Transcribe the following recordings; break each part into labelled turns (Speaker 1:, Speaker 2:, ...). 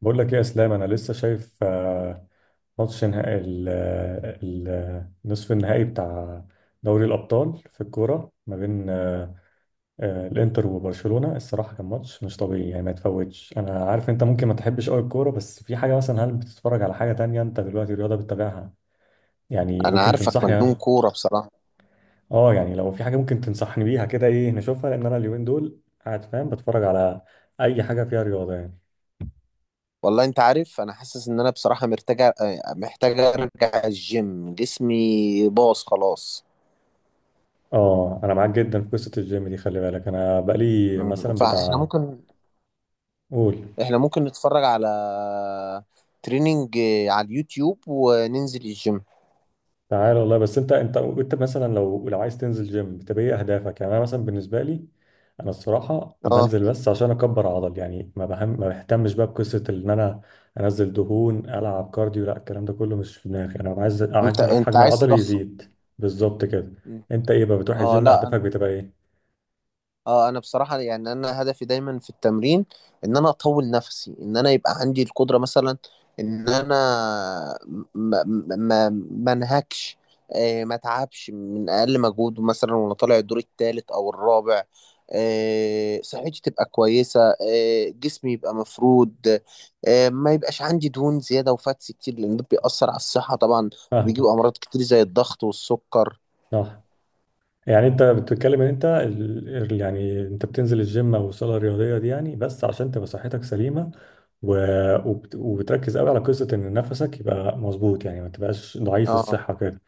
Speaker 1: بقول لك ايه يا اسلام؟ انا لسه شايف ماتش نهائي نصف النهائي بتاع دوري الابطال في الكوره، ما بين الانتر وبرشلونه. الصراحه كان ماتش مش طبيعي يعني، ما يتفوتش. انا عارف انت ممكن ما تحبش قوي الكوره، بس في حاجه مثلا، هل بتتفرج على حاجه تانية؟ انت دلوقتي رياضه بتتابعها؟ يعني
Speaker 2: انا
Speaker 1: ممكن
Speaker 2: عارفك مجنون
Speaker 1: تنصحني؟
Speaker 2: كوره بصراحه.
Speaker 1: اه يعني، لو في حاجه ممكن تنصحني بيها كده، ايه نشوفها؟ لان انا اليومين دول قاعد فاهم بتفرج على اي حاجه فيها رياضه يعني.
Speaker 2: والله انت عارف انا حاسس ان انا بصراحه محتاج ارجع الجيم. جسمي باظ خلاص.
Speaker 1: اه انا معاك جدا في قصه الجيم دي، خلي بالك انا بقالي
Speaker 2: مم.
Speaker 1: مثلا
Speaker 2: فاحنا
Speaker 1: بتاع.
Speaker 2: ممكن.
Speaker 1: قول.
Speaker 2: احنا ممكن نتفرج على تريننج على اليوتيوب وننزل الجيم.
Speaker 1: تعال والله، بس انت مثلا، لو عايز تنزل جيم، بتبقى ايه اهدافك؟ يعني انا مثلا بالنسبه لي، انا الصراحه
Speaker 2: اه،
Speaker 1: بنزل بس عشان اكبر عضل، يعني ما بهتمش بقى بقصه ان انا انزل دهون، العب كارديو، لا، الكلام ده كله مش في دماغي. انا عايز
Speaker 2: انت
Speaker 1: حجم
Speaker 2: انت
Speaker 1: حجم
Speaker 2: عايز
Speaker 1: العضل
Speaker 2: تضخم؟
Speaker 1: يزيد بالظبط كده. انت ايه بقى، بتروح
Speaker 2: اه،
Speaker 1: الجيم اهدافك
Speaker 2: لا.
Speaker 1: بتبقى ايه؟
Speaker 2: اه، انا بصراحة يعني انا هدفي دايما في التمرين ان انا اطول نفسي، ان انا يبقى عندي القدرة مثلا، ان انا ما ما انهكش، ما اتعبش من اقل مجهود مثلا وانا طالع الدور الثالث او الرابع. صحتي تبقى كويسة، جسمي يبقى مفرود. ما يبقاش عندي دهون زيادة وفاتس كتير، لان ده بيأثر على الصحة طبعا، وبيجيب
Speaker 1: فاهمك.
Speaker 2: امراض كتير زي الضغط والسكر.
Speaker 1: صح. يعني انت بتتكلم ان انت يعني انت بتنزل الجيم او الصاله الرياضيه دي يعني بس عشان تبقى صحتك سليمه، و... وبتركز قوي على قصه ان نفسك يبقى مظبوط، يعني ما تبقاش ضعيف
Speaker 2: اه،
Speaker 1: الصحه كده.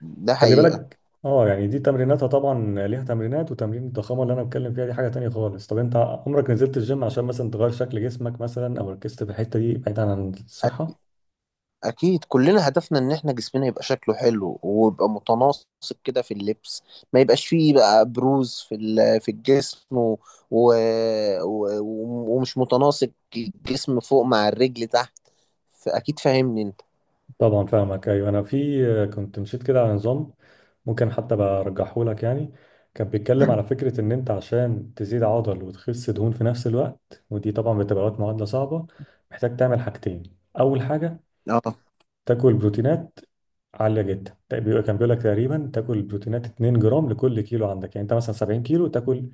Speaker 2: ده
Speaker 1: خلي
Speaker 2: حقيقة.
Speaker 1: بالك. اه يعني دي تمريناتها طبعا، ليها تمرينات، وتمرين الضخامه اللي انا بتكلم فيها دي حاجه تانية خالص. طب انت عمرك نزلت الجيم عشان مثلا تغير شكل جسمك مثلا، او ركزت في الحته دي بعيدا عن الصحه؟
Speaker 2: اكيد كلنا هدفنا ان احنا جسمنا يبقى شكله حلو ويبقى متناسق كده في اللبس، ما يبقاش فيه بقى بروز في الجسم و... و... ومش متناسق. الجسم فوق مع الرجل تحت. فاكيد فاهمني انت.
Speaker 1: طبعا فاهمك. ايوه انا في كنت مشيت كده على نظام، ممكن حتى برجحه لك يعني. كان بيتكلم على فكره ان انت عشان تزيد عضل وتخس دهون في نفس الوقت، ودي طبعا بتبقى وقت معادله صعبه، محتاج تعمل حاجتين. اول حاجه
Speaker 2: اه.
Speaker 1: تاكل بروتينات عاليه جدا، ده كان بيقول لك تقريبا تاكل بروتينات 2 جرام لكل كيلو عندك، يعني انت مثلا 70 كيلو، تاكل،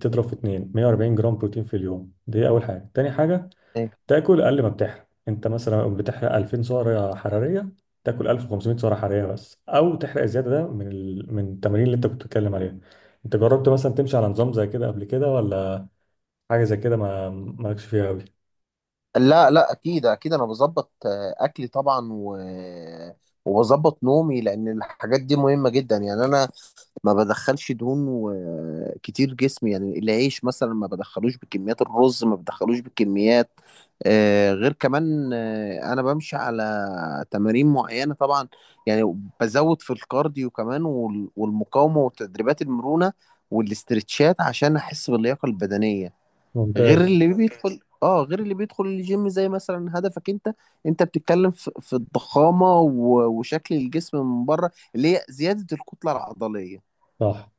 Speaker 1: تضرب في 2، 140 جرام بروتين في اليوم. دي اول حاجه. تاني حاجه،
Speaker 2: إيه.
Speaker 1: تاكل اقل ما بتحرق، انت مثلا لو بتحرق 2000 سعره حراريه، تاكل 1500 سعره حراريه بس، او تحرق الزياده ده من من التمارين اللي انت كنت بتتكلم عليها. انت جربت مثلا تمشي على نظام زي كده قبل كده، ولا حاجه زي كده ما مالكش فيها قوي؟
Speaker 2: لا، لا، اكيد اكيد انا بظبط اكلي طبعا وبظبط نومي، لان الحاجات دي مهمة جدا. يعني انا ما بدخلش دهون كتير جسمي، يعني العيش مثلا ما بدخلوش بكميات، الرز ما بدخلوش بكميات، غير كمان انا بمشي على تمارين معينة طبعا، يعني بزود في الكارديو كمان والمقاومة وتدريبات المرونة والاسترتشات عشان احس باللياقة البدنية،
Speaker 1: ممتاز.
Speaker 2: غير اللي بيدخل الجيم زي مثلا هدفك انت. انت بتتكلم في الضخامة وشكل الجسم من بره، اللي هي زيادة الكتلة العضلية.
Speaker 1: صح.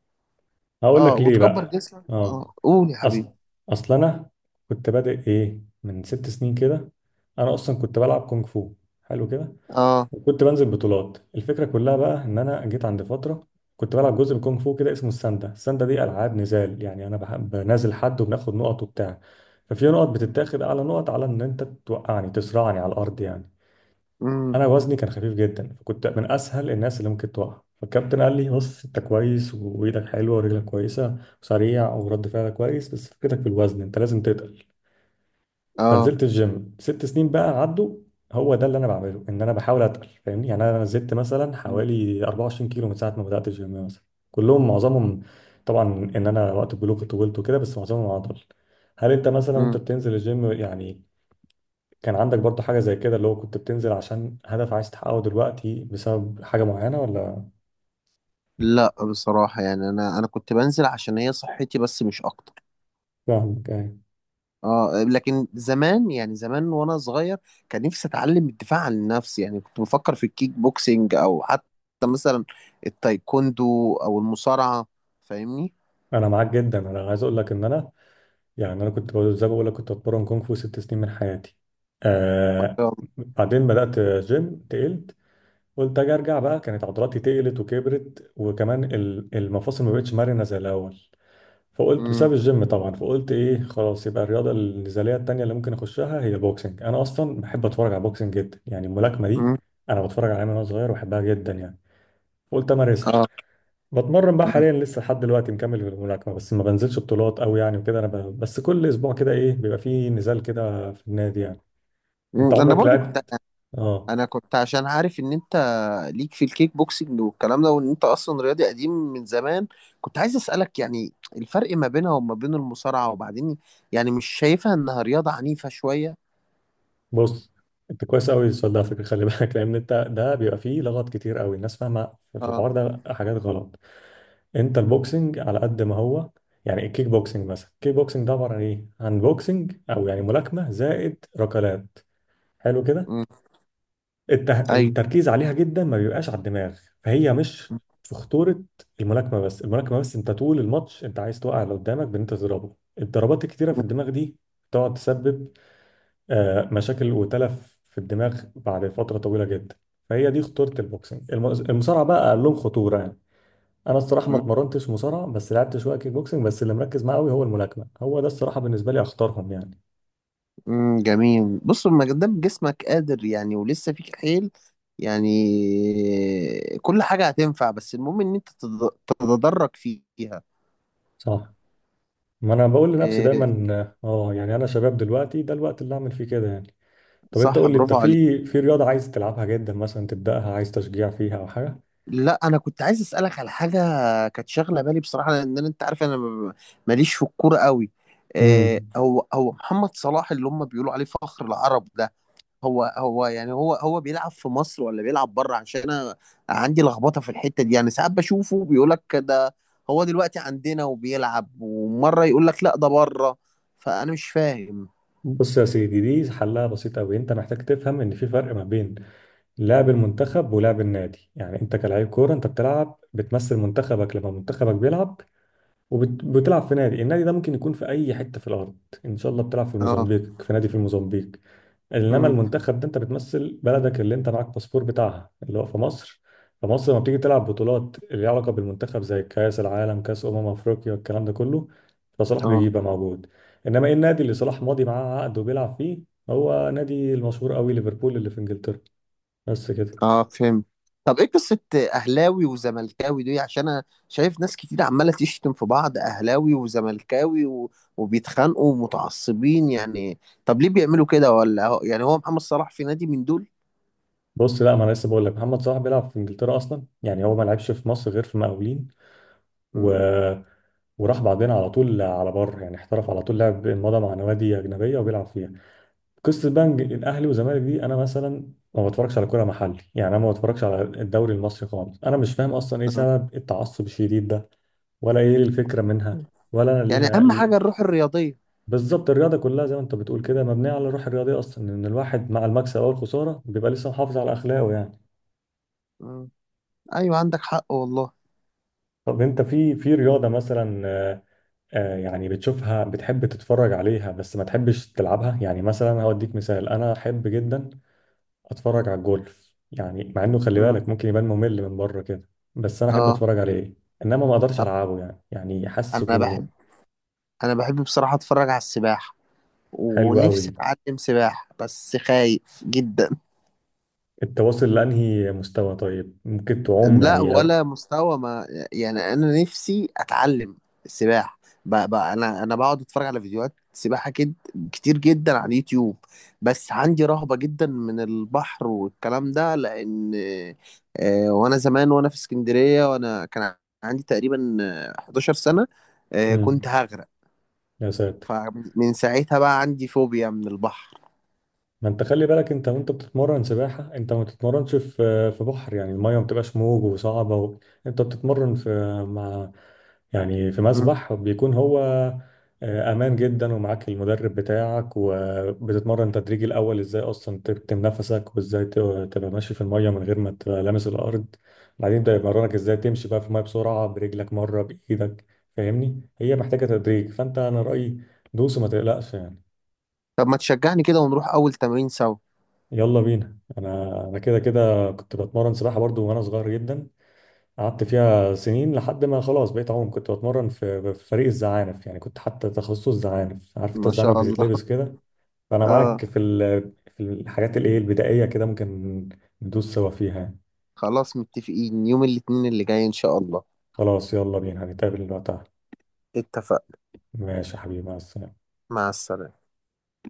Speaker 1: هقول
Speaker 2: اه،
Speaker 1: لك ليه
Speaker 2: وتكبر
Speaker 1: بقى.
Speaker 2: جسمك.
Speaker 1: اه،
Speaker 2: اه، قول يا حبيبي.
Speaker 1: اصل اصل انا كنت بادئ ايه من 6 سنين كده. انا اصلا كنت بلعب كونغ فو. حلو كده.
Speaker 2: اه.
Speaker 1: وكنت بنزل بطولات. الفكرة كلها بقى، إن أنا جيت عند فترة كنت بلعب جزء من كونغ فو كده اسمه الساندا. الساندا دي ألعاب نزال، يعني أنا بحب بنازل حد وبناخد نقط وبتاع، ففي نقط بتتاخد أعلى نقط على إن أنت توقعني، تصرعني على الأرض يعني.
Speaker 2: امم.
Speaker 1: أنا وزني كان خفيف جدا، فكنت من أسهل الناس اللي ممكن توقع. فالكابتن قال لي بص أنت كويس، وإيدك حلوة ورجلك كويسة، وسريع ورد فعلك كويس، بس فكرتك في الوزن أنت لازم تتقل.
Speaker 2: اه.
Speaker 1: فنزلت الجيم 6 سنين بقى عدوا. هو ده اللي انا بعمله، ان انا بحاول اتقل، فاهمني؟ يعني انا نزلت مثلا
Speaker 2: مم.
Speaker 1: حوالي 24 كيلو من ساعه ما بدات الجيم مثلا. كلهم، معظمهم طبعا ان انا وقت البلوغ كنت طولت وكده، بس معظمهم عضل. هل انت مثلا انت
Speaker 2: مم.
Speaker 1: بتنزل الجيم يعني، كان عندك برضو حاجه زي كده؟ اللي هو كنت بتنزل عشان هدف عايز تحققه دلوقتي بسبب حاجه معينه، ولا؟
Speaker 2: لا بصراحة يعني انا كنت بنزل عشان هي صحتي بس، مش اكتر.
Speaker 1: فاهمك يعني.
Speaker 2: اه، لكن زمان، يعني زمان وانا صغير، كان نفسي اتعلم الدفاع عن النفس. يعني كنت بفكر في الكيك بوكسينج، او حتى مثلا التايكوندو او المصارعة. فاهمني.
Speaker 1: انا معاك جدا. انا عايز اقول لك ان انا، يعني انا كنت زي ما بقول لك كنت بتمرن كونغ فو 6 سنين من حياتي. آه. بعدين بدأت جيم، تقلت. قلت اجي ارجع بقى، كانت عضلاتي تقلت وكبرت، وكمان المفاصل ما بقتش مرنه زي الاول، فقلت
Speaker 2: امم.
Speaker 1: بسبب الجيم طبعا. فقلت ايه، خلاص يبقى الرياضه النزاليه التانيه اللي ممكن اخشها هي بوكسنج. انا اصلا بحب اتفرج على بوكسنج جدا يعني، الملاكمه دي
Speaker 2: امم.
Speaker 1: انا بتفرج عليها من وانا صغير وبحبها جدا يعني. قلت امارسها.
Speaker 2: اه.
Speaker 1: بتمرن بقى
Speaker 2: مم.
Speaker 1: حاليا لسه لحد دلوقتي مكمل في الملاكمه، بس ما بنزلش بطولات قوي يعني، وكده انا بس كل اسبوع كده ايه بيبقى فيه نزال كده في النادي يعني. انت
Speaker 2: مم. انا
Speaker 1: عمرك
Speaker 2: برضو
Speaker 1: لعبت؟ اه.
Speaker 2: انا كنت عشان عارف ان انت ليك في الكيك بوكسنج والكلام ده، وان انت اصلا رياضي قديم من زمان، كنت عايز اسالك يعني الفرق ما بينها وما بين المصارعه؟ وبعدين يعني مش شايفها انها رياضه عنيفه شويه؟
Speaker 1: بص، انت كويس قوي السؤال ده على فكره، خلي بالك، لان انت ده بيبقى فيه لغط كتير قوي، الناس فاهمه في
Speaker 2: اه.
Speaker 1: الحوار ده حاجات غلط. انت البوكسنج على قد ما هو، يعني الكيك بوكسنج مثلا، الكيك بوكسنج ده عباره عن ايه؟ عن بوكسنج، او يعني ملاكمه زائد ركلات. حلو كده.
Speaker 2: امم. ايوه.
Speaker 1: التركيز عليها جدا ما بيبقاش على الدماغ، فهي مش
Speaker 2: مم.
Speaker 1: في خطورة. الملاكمة بس انت طول الماتش انت عايز توقع اللي قدامك بان انت تضربه الضربات الكتيرة في الدماغ دي، تقعد تسبب مشاكل وتلف في الدماغ بعد فترة طويلة جدا. فهي دي خطورة البوكسنج. المصارعة بقى اقل لهم خطورة يعني. انا الصراحة ما اتمرنتش مصارعة، بس لعبت شوية كيك بوكسنج، بس اللي مركز معاه قوي هو الملاكمة. هو ده الصراحة بالنسبة لي اخطرهم يعني.
Speaker 2: مم. جميل. بص، ما دام جسمك قادر يعني ولسه فيك حيل، يعني كل حاجه هتنفع، بس المهم ان انت تتدرج فيها.
Speaker 1: صح. ما انا بقول لنفسي
Speaker 2: إيه،
Speaker 1: دايما، اه يعني انا شباب دلوقتي، ده الوقت اللي اعمل فيه كده يعني. طب انت
Speaker 2: صح.
Speaker 1: قول لي، انت
Speaker 2: برافو عليك.
Speaker 1: في في رياضه عايز تلعبها جدا مثلا تبداها، عايز تشجيع فيها او حاجه؟
Speaker 2: لا، انا كنت عايز اسالك على حاجه كانت شاغله بالي بصراحه، لان انت عارف ماليش في الكوره قوي.
Speaker 1: امم
Speaker 2: هو محمد صلاح اللي هم بيقولوا عليه فخر العرب ده، هو يعني هو بيلعب في مصر ولا بيلعب بره؟ عشان انا عندي لخبطه في الحته دي. يعني ساعات بشوفه بيقول لك ده هو دلوقتي عندنا وبيلعب، ومره يقول لك لا ده بره، فانا مش فاهم.
Speaker 1: بص يا سيدي، دي حلها بسيط قوي. انت محتاج تفهم ان في فرق ما بين لعب المنتخب ولعب النادي. يعني انت كلاعب كوره، انت بتلعب بتمثل منتخبك لما منتخبك بيلعب، وبتلعب في نادي. النادي ده ممكن يكون في اي حته في الارض، ان شاء الله بتلعب في
Speaker 2: اه.
Speaker 1: الموزمبيق في نادي في الموزمبيق. انما
Speaker 2: امم.
Speaker 1: المنتخب ده انت بتمثل بلدك اللي انت معاك باسبور بتاعها، اللي هو في مصر. فمصر لما بتيجي تلعب بطولات اللي ليها علاقه بالمنتخب، زي كاس العالم، كاس افريقيا، الكلام ده كله، فصلاح بيجي
Speaker 2: اه.
Speaker 1: يبقى موجود. انما ايه النادي اللي صلاح ماضي معاه عقد وبيلعب فيه؟ هو نادي المشهور قوي، ليفربول اللي في انجلترا. بس كده.
Speaker 2: اه، فهمت. طب ايه قصة اهلاوي وزملكاوي دي؟ عشان انا شايف ناس كتير عمالة تشتم في بعض، اهلاوي وزملكاوي وبيتخانقوا ومتعصبين، يعني طب ليه بيعملوا كده؟ ولا يعني هو محمد صلاح في نادي من دول؟
Speaker 1: بص، لا، ما انا لسه بقول لك محمد صلاح بيلعب في انجلترا اصلا. يعني هو ما لعبش في مصر غير في مقاولين، و...
Speaker 2: مم.
Speaker 1: وراح بعدين على طول على بره يعني، احترف على طول، لعب مضى مع نوادي اجنبيه وبيلعب فيها. قصه بقى إن الاهلي والزمالك دي، انا مثلا ما بتفرجش على كوره محلي يعني، انا ما بتفرجش على الدوري المصري خالص، انا مش فاهم اصلا ايه
Speaker 2: آه.
Speaker 1: سبب التعصب الشديد ده، ولا ايه الفكره منها، ولا انا
Speaker 2: يعني
Speaker 1: ليها.
Speaker 2: اهم حاجة الروح الرياضية.
Speaker 1: بالظبط، الرياضه كلها زي ما انت بتقول كده مبنيه على الروح الرياضيه اصلا، ان الواحد مع المكسب او الخساره بيبقى لسه محافظ على اخلاقه يعني.
Speaker 2: مم. ايوه، عندك حق والله.
Speaker 1: طب انت في في رياضه مثلا، يعني بتشوفها بتحب تتفرج عليها بس ما تحبش تلعبها يعني؟ مثلا هوديك مثال، انا احب جدا اتفرج على الجولف يعني، مع انه خلي
Speaker 2: مم.
Speaker 1: بالك ممكن يبان ممل من بره كده، بس انا احب
Speaker 2: اه،
Speaker 1: اتفرج عليه، انما ما اقدرش
Speaker 2: طب
Speaker 1: العبه يعني، يعني حاسه.
Speaker 2: انا بحب، انا بحب بصراحة اتفرج على السباحة،
Speaker 1: حلو قوي
Speaker 2: ونفسي
Speaker 1: دي.
Speaker 2: اتعلم سباحة بس خايف جدا.
Speaker 1: انت واصل لانهي مستوى طيب؟ ممكن تعوم
Speaker 2: لا
Speaker 1: يعني لو؟
Speaker 2: ولا مستوى، ما يعني انا نفسي اتعلم السباحه، بقى انا بقعد اتفرج على فيديوهات سباحه كتير جدا على اليوتيوب، بس عندي رهبه جدا من البحر والكلام ده، لان وانا زمان وانا في اسكندريه وانا كان عندي تقريبا 11 سنه، كنت
Speaker 1: امم.
Speaker 2: هغرق.
Speaker 1: يا ساتر.
Speaker 2: فمن ساعتها بقى عندي فوبيا من البحر.
Speaker 1: ما انت خلي بالك، انت وانت بتتمرن سباحة انت ما بتتمرنش في في بحر يعني، المية ما بتبقاش موج وصعبة، انت بتتمرن في، مع، يعني في
Speaker 2: مم.
Speaker 1: مسبح بيكون هو امان جدا ومعاك المدرب بتاعك، وبتتمرن تدريجي الاول ازاي اصلا تكتم نفسك، وازاي تبقى ماشي في الميه من غير ما تبقى لامس الارض، بعدين ده يمرنك ازاي تمشي بقى في الميه بسرعه برجلك مره بايدك. فاهمني، هي محتاجه تدريج، فانت انا رايي دوس وما تقلقش يعني.
Speaker 2: طب ما تشجعني كده ونروح اول تمرين سوا؟
Speaker 1: يلا بينا، انا كده كده كنت بتمرن سباحه برضو وانا صغير جدا. قعدت فيها سنين لحد ما خلاص بقيت عوم، كنت بتمرن في فريق الزعانف يعني، كنت حتى تخصص زعانف، عارف انت
Speaker 2: ما
Speaker 1: الزعانف
Speaker 2: شاء الله.
Speaker 1: بتتلبس كده. فانا
Speaker 2: اه.
Speaker 1: معاك في الحاجات الايه البدائيه كده، ممكن ندوس سوا فيها يعني.
Speaker 2: خلاص، متفقين يوم الاثنين اللي جاي إن شاء الله.
Speaker 1: خلاص يلا بينا هنتقابل وقتها.
Speaker 2: اتفقنا.
Speaker 1: ماشي يا حبيبي، مع السلامه.
Speaker 2: مع السلامة.